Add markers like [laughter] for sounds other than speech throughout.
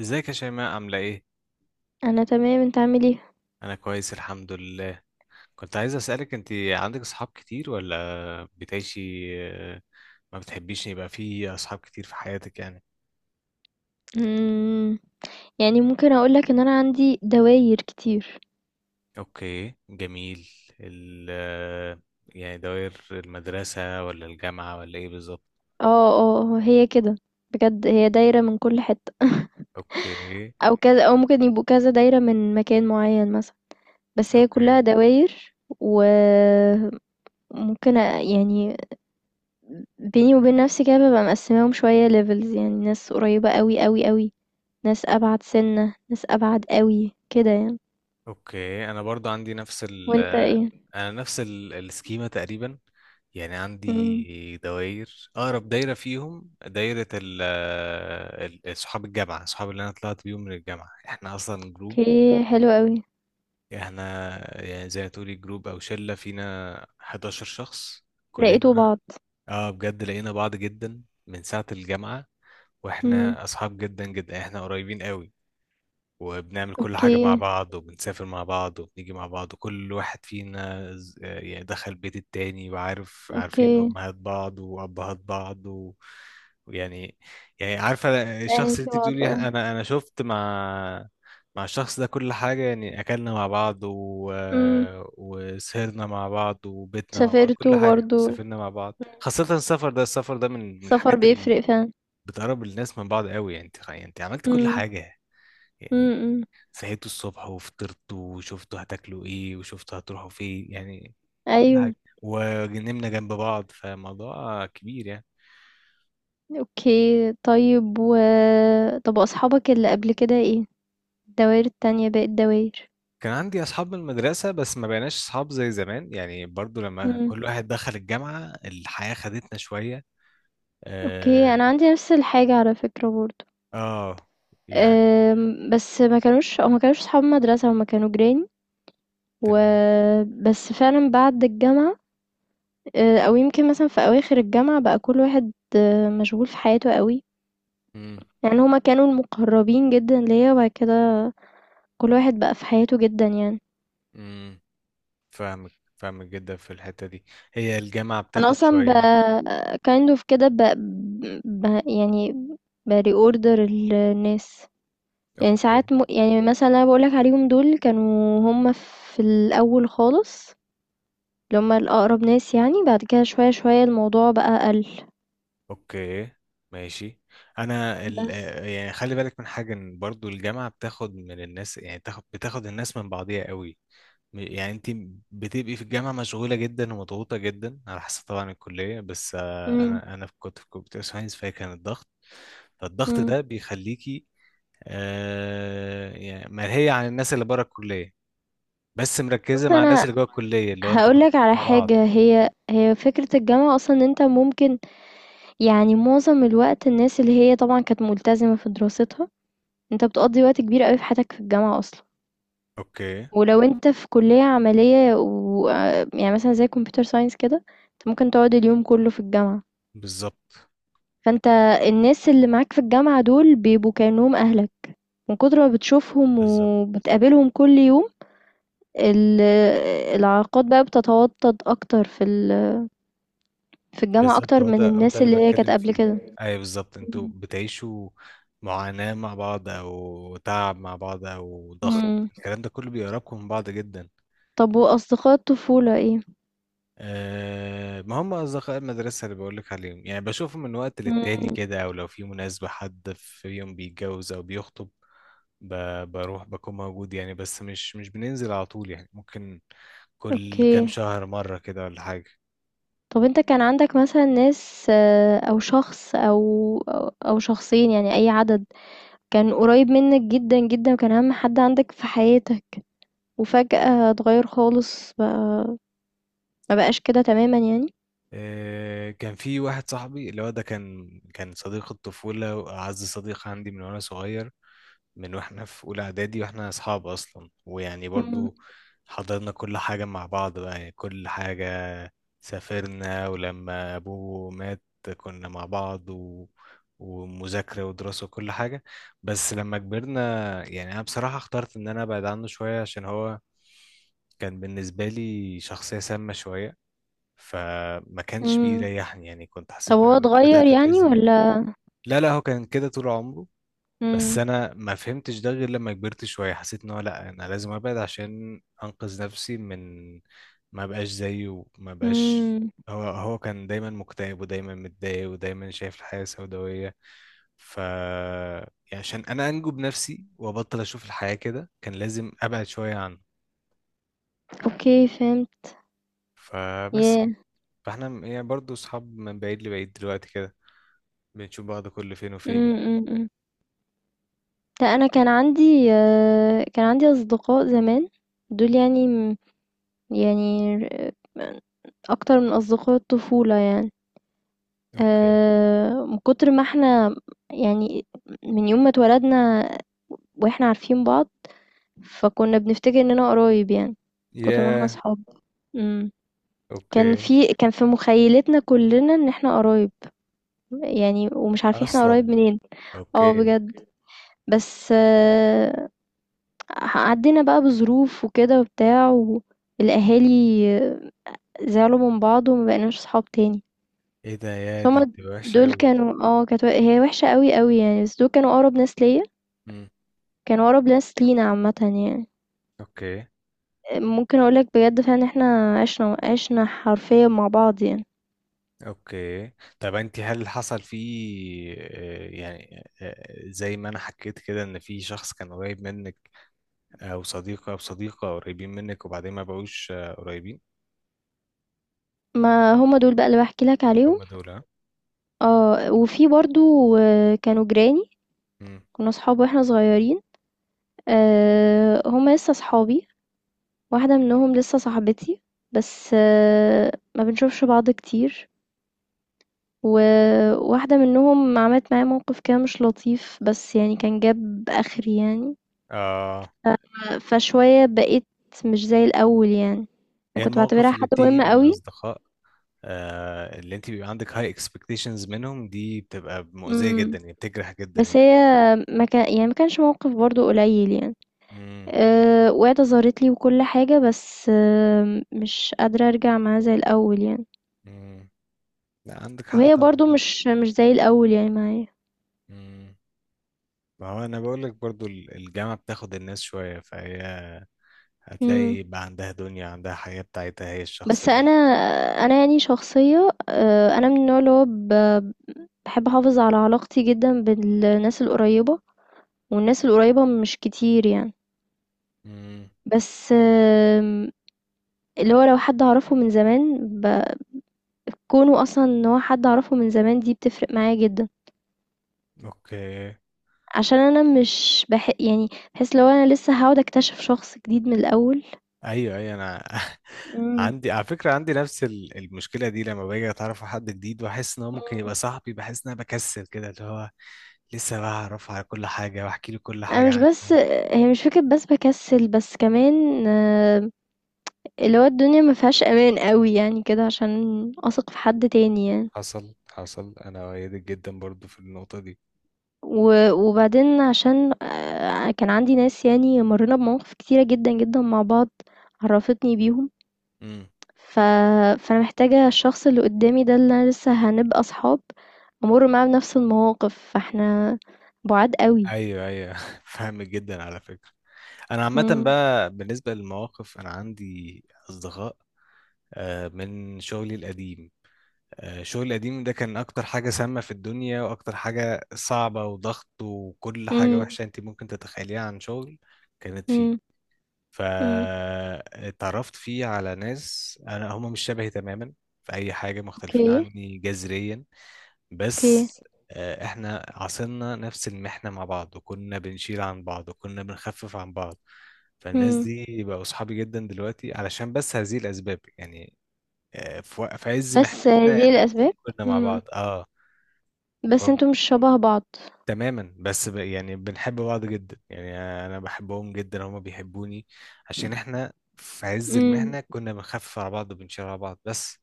ازيك يا شيماء عاملة ايه؟ أنا تمام، أنت عامل إيه؟ أنا كويس الحمد لله. كنت عايز أسألك، انت عندك أصحاب كتير ولا بتعيشي؟ آه، ما بتحبيش ان يبقى في أصحاب كتير في حياتك يعني؟ إمم، يعني ممكن أقول لك إن أنا عندي دواير كتير. اوكي، جميل. ال يعني دوائر المدرسة ولا الجامعة ولا ايه بالظبط؟ آه، آه. هي كده، بجد هي دايرة من كل حتّة [laughs] اوكي. أو كذا أو ممكن يبقوا كذا دايرة من مكان معيّن مثلًا، بس هي كلّها اوكي. دواير. وممكن يعني بيني وبين نَفْسي كده بابقى مقسّماهم شوية levels، يعني ناس قريّبة أوي، أوي، أوي، ناس أبعد سِنّة، ناس أبعد أوي، كده يعني. اوكي، انا برضو عندي نفس ال وأنت إيه؟ انا نفس ال- السكيمة تقريبا. يعني إمم، عندي دوائر، اقرب دايرة فيهم دايرة صحاب الجامعة، صحاب اللي انا طلعت بيهم من الجامعة. احنا اصلا جروب، أوكي، حلو أوي. احنا يعني زي ما تقولي جروب او شلة، فينا 11 شخص لقيتوا كلنا. بعض. اه بجد، لقينا بعض جدا من ساعة الجامعة، إمم. واحنا اصحاب جدا جدا، احنا قريبين قوي وبنعمل كل حاجة مع أوكي، بعض وبنسافر مع بعض وبنيجي مع بعض، وكل واحد فينا يعني دخل بيت التاني، وعارف عارفين أوكي، أمهات بعض وأبهات بعض و... ويعني يعني عارفة، الشخص أهل اللي انت بعض، بتقولي آه، أنا شفت مع مع الشخص ده كل حاجة، يعني أكلنا مع بعض و... إمم، وسهرنا مع بعض وبيتنا مع بعض، كل سافرتوا حاجة، برضه، سافرنا مع بعض، إمم، خاصة السفر ده، السفر ده من السفر الحاجات اللي بيفرق فعلًا، بتقرب الناس من بعض قوي. يعني انت، يعني انت عملت كل إمم، حاجة، إمم، يعني إمم، صحيتوا الصبح وفطرتوا وشفتوا هتاكلوا ايه وشفتوا هتروحوا فين، يعني كل أيوه، حاجة، ونمنا جنب بعض، فموضوع كبير يعني. أوكي، طيب و طب وأصحابك اللي قبل كده إيه؟ الدواير التانية باقي الدواير؟ كان عندي اصحاب من المدرسة، بس ما بقيناش اصحاب زي زمان يعني، برضو لما إمم، كل واحد دخل الجامعة الحياة خدتنا شوية. أوكي، اه، أنا عندي نفس الحاجة على فكرة برضه. آه يعني. بس ما كانوش صحاب مدرسة، هُم كانوا جيران. و تمام. بس فعلًا بعد الجامعة أو يمكن مثلًا في أواخر الجامعة بقى كل واحد مشغول في حياته أوي. امم يعني هما كانوا المقربين جدا ليا وبعد كده كل واحد بقى في حياته جدا يعني. امم فاهمك جدا في الحتة دي، هي الجامعة انا بتاخد اصلا شوية. kind of كده يعني ب reorder الناس. يعني اوكي. ساعات يعني مثلا انا بقولك عليهم دول كانوا هما في الاول خالص، اللي هما الاقرب ناس يعني، بعد كده شوية شوية الموضوع بقى قل. اوكي. ماشي. انا بس. آه، يعني خلي بالك من حاجه، ان برضو الجامعه بتاخد من الناس، يعني تاخد الناس من بعضيها قوي. يعني انت بتبقي في الجامعه مشغوله جدا ومضغوطه جدا، على حسب طبعا الكليه، بس آه، امم انا كنت في كمبيوتر ساينس، فهي كان الضغط. فالضغط امم ده بيخليكي آه، يعني مرهيه عن الناس اللي بره الكليه، بس مركزه بص مع الناس انا اللي جوه الكليه، اللي هو انتوا هقولك مضغوطين على مع بعض. حاجة، هي فكرة الجامعة أصلا إن أنت ممكن، يعني معظم الوقت الناس اللي هي طبعًا كانت ملتزمة في دراستها، أنت بتقضّي وقت كبير أوي في حياتك في الجامعة أصلًا، اوكي. ولو أنت في كلية عملية و يعني مثلًا زي computer science كده، أنت ممكن تقعد اليوم كلّه في الجامعة، بالظبط. فأنت الناس اللي معاك في الجامعة دول بيبقوا كأنهم أهلك، من كتر ما بتشوفهم بالظبط. وبتقابلهم كل يوم. ال العلاقات بقى بتتوطد أكتر في الجامعة بالظبط، أكتر هو من ده هو ده الناس اللي اللي هي كانت بتكلم قبل فيه. كده. ايوه بالظبط، انتوا إمم، بتعيشوا معاناة مع بعض او تعب مع بعض او ضغط، إمم، الكلام ده كله بيقربكم من بعض جدا. طب وأصدقاء الطفولة إيه؟ أه، ما هم اصدقاء المدرسة اللي بقولك عليهم، يعني بشوفهم من وقت للتاني إمم. كده، او لو في مناسبة، حد في يوم بيتجوز او بيخطب، بروح بكون موجود يعني، بس مش بننزل على طول يعني، ممكن كل كام أوكي. شهر مرة كده ولا حاجة. طب أنت كان عندك مثلًا ناس أو شخص أو شخصين، يعني أي عدد، كان قريب منك جدًا، جدًا وكان أهم حد عندك في حياتك، وفجأة اتغيّر خالص، بقى ما بقاش كده تمامًا يعني؟ آه، كان في واحد صاحبي، اللي هو ده كان صديق الطفولة وأعز صديق عندي من وأنا صغير، من وإحنا في أولى إعدادي وإحنا أصحاب أصلا، ويعني إمم، برضو حضرنا كل حاجة مع بعض بقى، يعني كل حاجة، سافرنا، ولما أبوه مات كنا مع بعض و... ومذاكرة ودراسة وكل حاجة. بس لما كبرنا، يعني أنا بصراحة اخترت إن أنا أبعد عنه شوية، عشان هو كان بالنسبة لي شخصية سامة شوية، فما كانش إمم. بيريحني، يعني كنت طب حسيت هو ان انا اتغيّر بدات يعني اتاذي منه. والّا؟ لا لا، هو كان كده طول عمره، بس إمم، انا ما فهمتش ده غير لما كبرت شويه، حسيت ان هو لا، انا لازم ابعد عشان انقذ نفسي من ما بقاش زيه ما بقاش إمم، هو كان دايما مكتئب ودايما متضايق ودايما شايف الحياه سوداويه، ف يعني عشان انا انجو بنفسي وابطل اشوف الحياه كده، كان لازم ابعد شويه عنه. أوكي فهمت. فبس يعني ياه! فاحنا يعني برضه اصحاب من بعيد لبعيد دلوقتي كده، بنشوف بعض كل فين وفين إمم، يعني. إمم، إمم. لأ أنا كان عندي أصدقاء زمان، دول يعني اكتر من اصدقاء الطفولة يعني. اوكي. من كتر ما احنا، يعني من يوم ما اتولدنا واحنا عارفين بعض، فكنا بنفتكر اننا قرايب يعني، من كتر ما احنا يا. صحاب. امم كان اوكي. في كان في مخيلتنا كلنا ان احنا قرايب يعني، ومش عارفين احنا قرايب اصلا. منين. اه اوكي. بجد. بس عدينا بقى بظروف وكده وبتاع، والاهالي زعلوا من بعض وما بقيناش صحاب تاني. ايه ده، يا بس دي هما تبقى وحشه دول قوي. كانوا، كانت هي وحشة قوي قوي يعني، بس دول كانوا أقرب ناس ليا، امم. كانوا أقرب ناس لينا عامة يعني. اوكي. ممكن أقولك بجد فعلا احنا عشنا عشنا حرفيا مع بعض يعني. اوكي. طب انت، هل حصل فيه آه، يعني آه، زي ما انا حكيت كده، ان في شخص كان قريب منك، او صديق او صديقه قريبين منك، وبعدين ما بقوش آه، قريبين؟ ما هما دول بقى اللي بحكي لك عليهم. هم دول ها. اه. وفي برضو آه، كانوا جيراني. امم. كنا صحاب واحنا صغيرين. آه، هما لسه صحابي. واحدة منهم لسه صاحبتي، بس ما بنشوفش بعض كتير. وواحدة منهم عملت معايا موقف كده مش لطيف، بس يعني كان جاب آخري يعني، اه، فشوية بقيت مش زي الأول يعني. هي كنت بعتبرها المواقف اللي حد بتيجي مهم من قوي. الاصدقاء، آه، اللي انت بيبقى عندك هاي اكسبكتيشنز منهم، دي بتبقى مؤذية جدا امم يعني، بتجرح جدا بس يعني. هي ما كانش موقف برضو قليل يعني. امم. وقعت ظهرت لي وكل حاجة، بس مش قادرة أرجع معاها زي الأول يعني. امم. لا، عندك حق وهي برضو طبعا. مش زي الأول يعني معايا. امم. ما هو انا بقول لك برضو، الجامعة بتاخد الناس شوية، فهي هتلاقي بقى عندها دنيا، عندها حياة بتاعتها هي بس الشخصية. انا يعني شخصيه، انا من النوع اللي هو بحب احافظ على علاقتي جدا بالناس القريبه، والناس القريبه مش كتير يعني. امم. بس اللي هو لو حد اعرفه من زمان، بكونه اصلا ان هو حد اعرفه من زمان دي بتفرق معايا جدا، اوكي. عشان انا مش يعني بحس لو انا لسه هقعد اكتشف شخص جديد من الاول. ايوه ايوه، انا [laughs] مم. عندي على فكرة، عندي نفس المشكلة دي، لما باجي اتعرف على حد جديد واحس ان هو ممكن مم. يبقى صاحبي، بحس ان انا بكسل كده، اللي هو لسه بعرف على كل حاجة واحكي له كل انا حاجة مش بس، عني. هي مش فكرة بس بكسل، بس كمان اللي هو الدنيا ما فيهاش امان قوي يعني كده عشان اثق في حد تاني يعني. حصل انا أؤيدك جدا برضو في النقطة دي. وبعدين عشان كان عندي ناس يعني مرينا بمواقف كتيرة جدا جدا مع بعض عرفتني بيهم، امم. ف... فانا محتاجة الشخص اللي قدامي ده اللي انا لسه هنبقى اصحاب امر معاه بنفس المواقف، فاحنا بعاد قوي. ايوه ايوه [laughs] فاهم جدا على فكرة. انا عامة مم. بقى بالنسبة للمواقف، انا عندي اصدقاء آه، من شغلي القديم. آه، شغلي القديم ده كان اكتر حاجة سامة في الدنيا، واكتر حاجة صعبة وضغط وكل حاجة مم. وحشة انت ممكن تتخيليها عن شغل كانت فيه. مم. مم. فاتعرفت فيه على ناس، انا هم مش شبهي تماما في اي حاجة، مختلفين اوكي، عني جذريا، اوكي. بس آه، احنا عاصرنا نفس المحنة مع بعض، وكنا بنشيل عن بعض وكنا بنخفف عن بعض، فالناس مم. دي بقوا صحابي جدا دلوقتي علشان بس هذه الأسباب يعني. آه، في عز بس محنتنا دي احنا الاتنين الاسباب. كنا مع مم. بعض. اه، بس فهم- انتوا مش شبه بعض. تماما، بس يعني بنحب بعض جدا يعني، انا بحبهم جدا هما بيحبوني، عشان احنا في عز المحنة كنا بنخفف على بعض وبنشيل على بعض، بس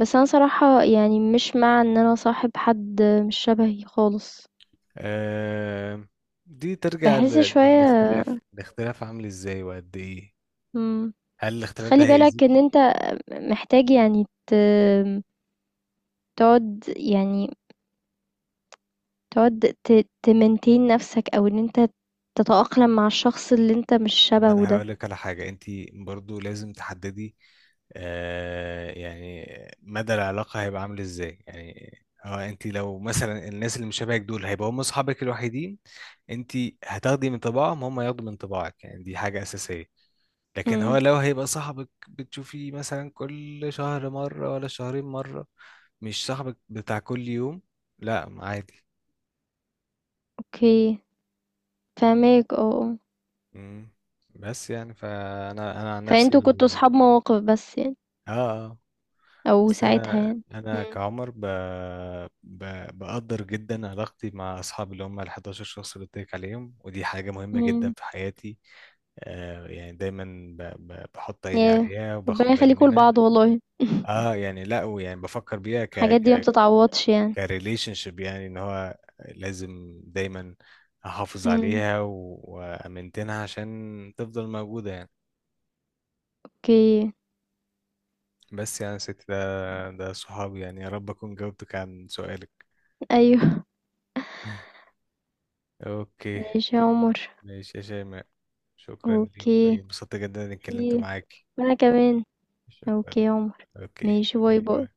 بس انا صراحة يعني مش مع ان انا صاحب حد مش شبهي خالص. آه، دي ترجع بحس شوية. للاختلاف، الاختلاف عامل ازاي وقد ايه، مم. هل بس الاختلاف ده خلي بالك ان هيأذيكي. انت محتاج يعني تقعد يعني تقعد ت... تمنتين نفسك، او ان انت تتأقلم مع الشخص اللي انت مش ما شبهه انا ده. هقول لك على حاجة، انت برضو لازم تحددي آه يعني مدى العلاقة هيبقى عامل ازاي يعني، هو انت لو مثلا الناس اللي مش شبهك دول هيبقوا هم اصحابك الوحيدين، انت هتاخدي من طباعهم، هم ياخدوا من طباعك يعني، دي حاجة أساسية. لكن هو مم. لو هيبقى صاحبك بتشوفيه مثلا كل شهر مرة ولا شهرين مرة، مش صاحبك بتاع كل يوم، لا عادي. اوكي، فاهمك، اه، آه. مم. بس يعني، فانا انا عن نفسي فانتوا كنتوا صحاب مواقف بس يعني، اه آه، او بس ساعتها انا يعني. انا مم. كعمر ب... بقدر جدا علاقتي مع اصحابي اللي هم ال 11 شخص اللي قلت لك عليهم، ودي حاجه مهمه جدا مم. في حياتي. آه يعني دايما بحط عيني ياه، عليها ربنا وباخد بالي يخليكوا منها. لبعض والله [laughs] اه يعني، لا ويعني بفكر بيها الحاجات دي ما بتتعوضش يعني. كريليشن شيب، يعني ان هو لازم دايما احافظ مم. عليها وامنتنها عشان تفضل موجودة يعني. أوكي. بس يعني ست، ده صحابي يعني، يا رب اكون جاوبتك عن سؤالك. أيوه. اوكي. ماشي يا عمر. ماشي يا شيماء، شكرا ليك، أوكي. انبسطت جدا اني اتكلمت خير. معاكي. وأنا كمان. أوكي شكرا. يا عمر. اوكي. ماشي، باي باي باي. باي.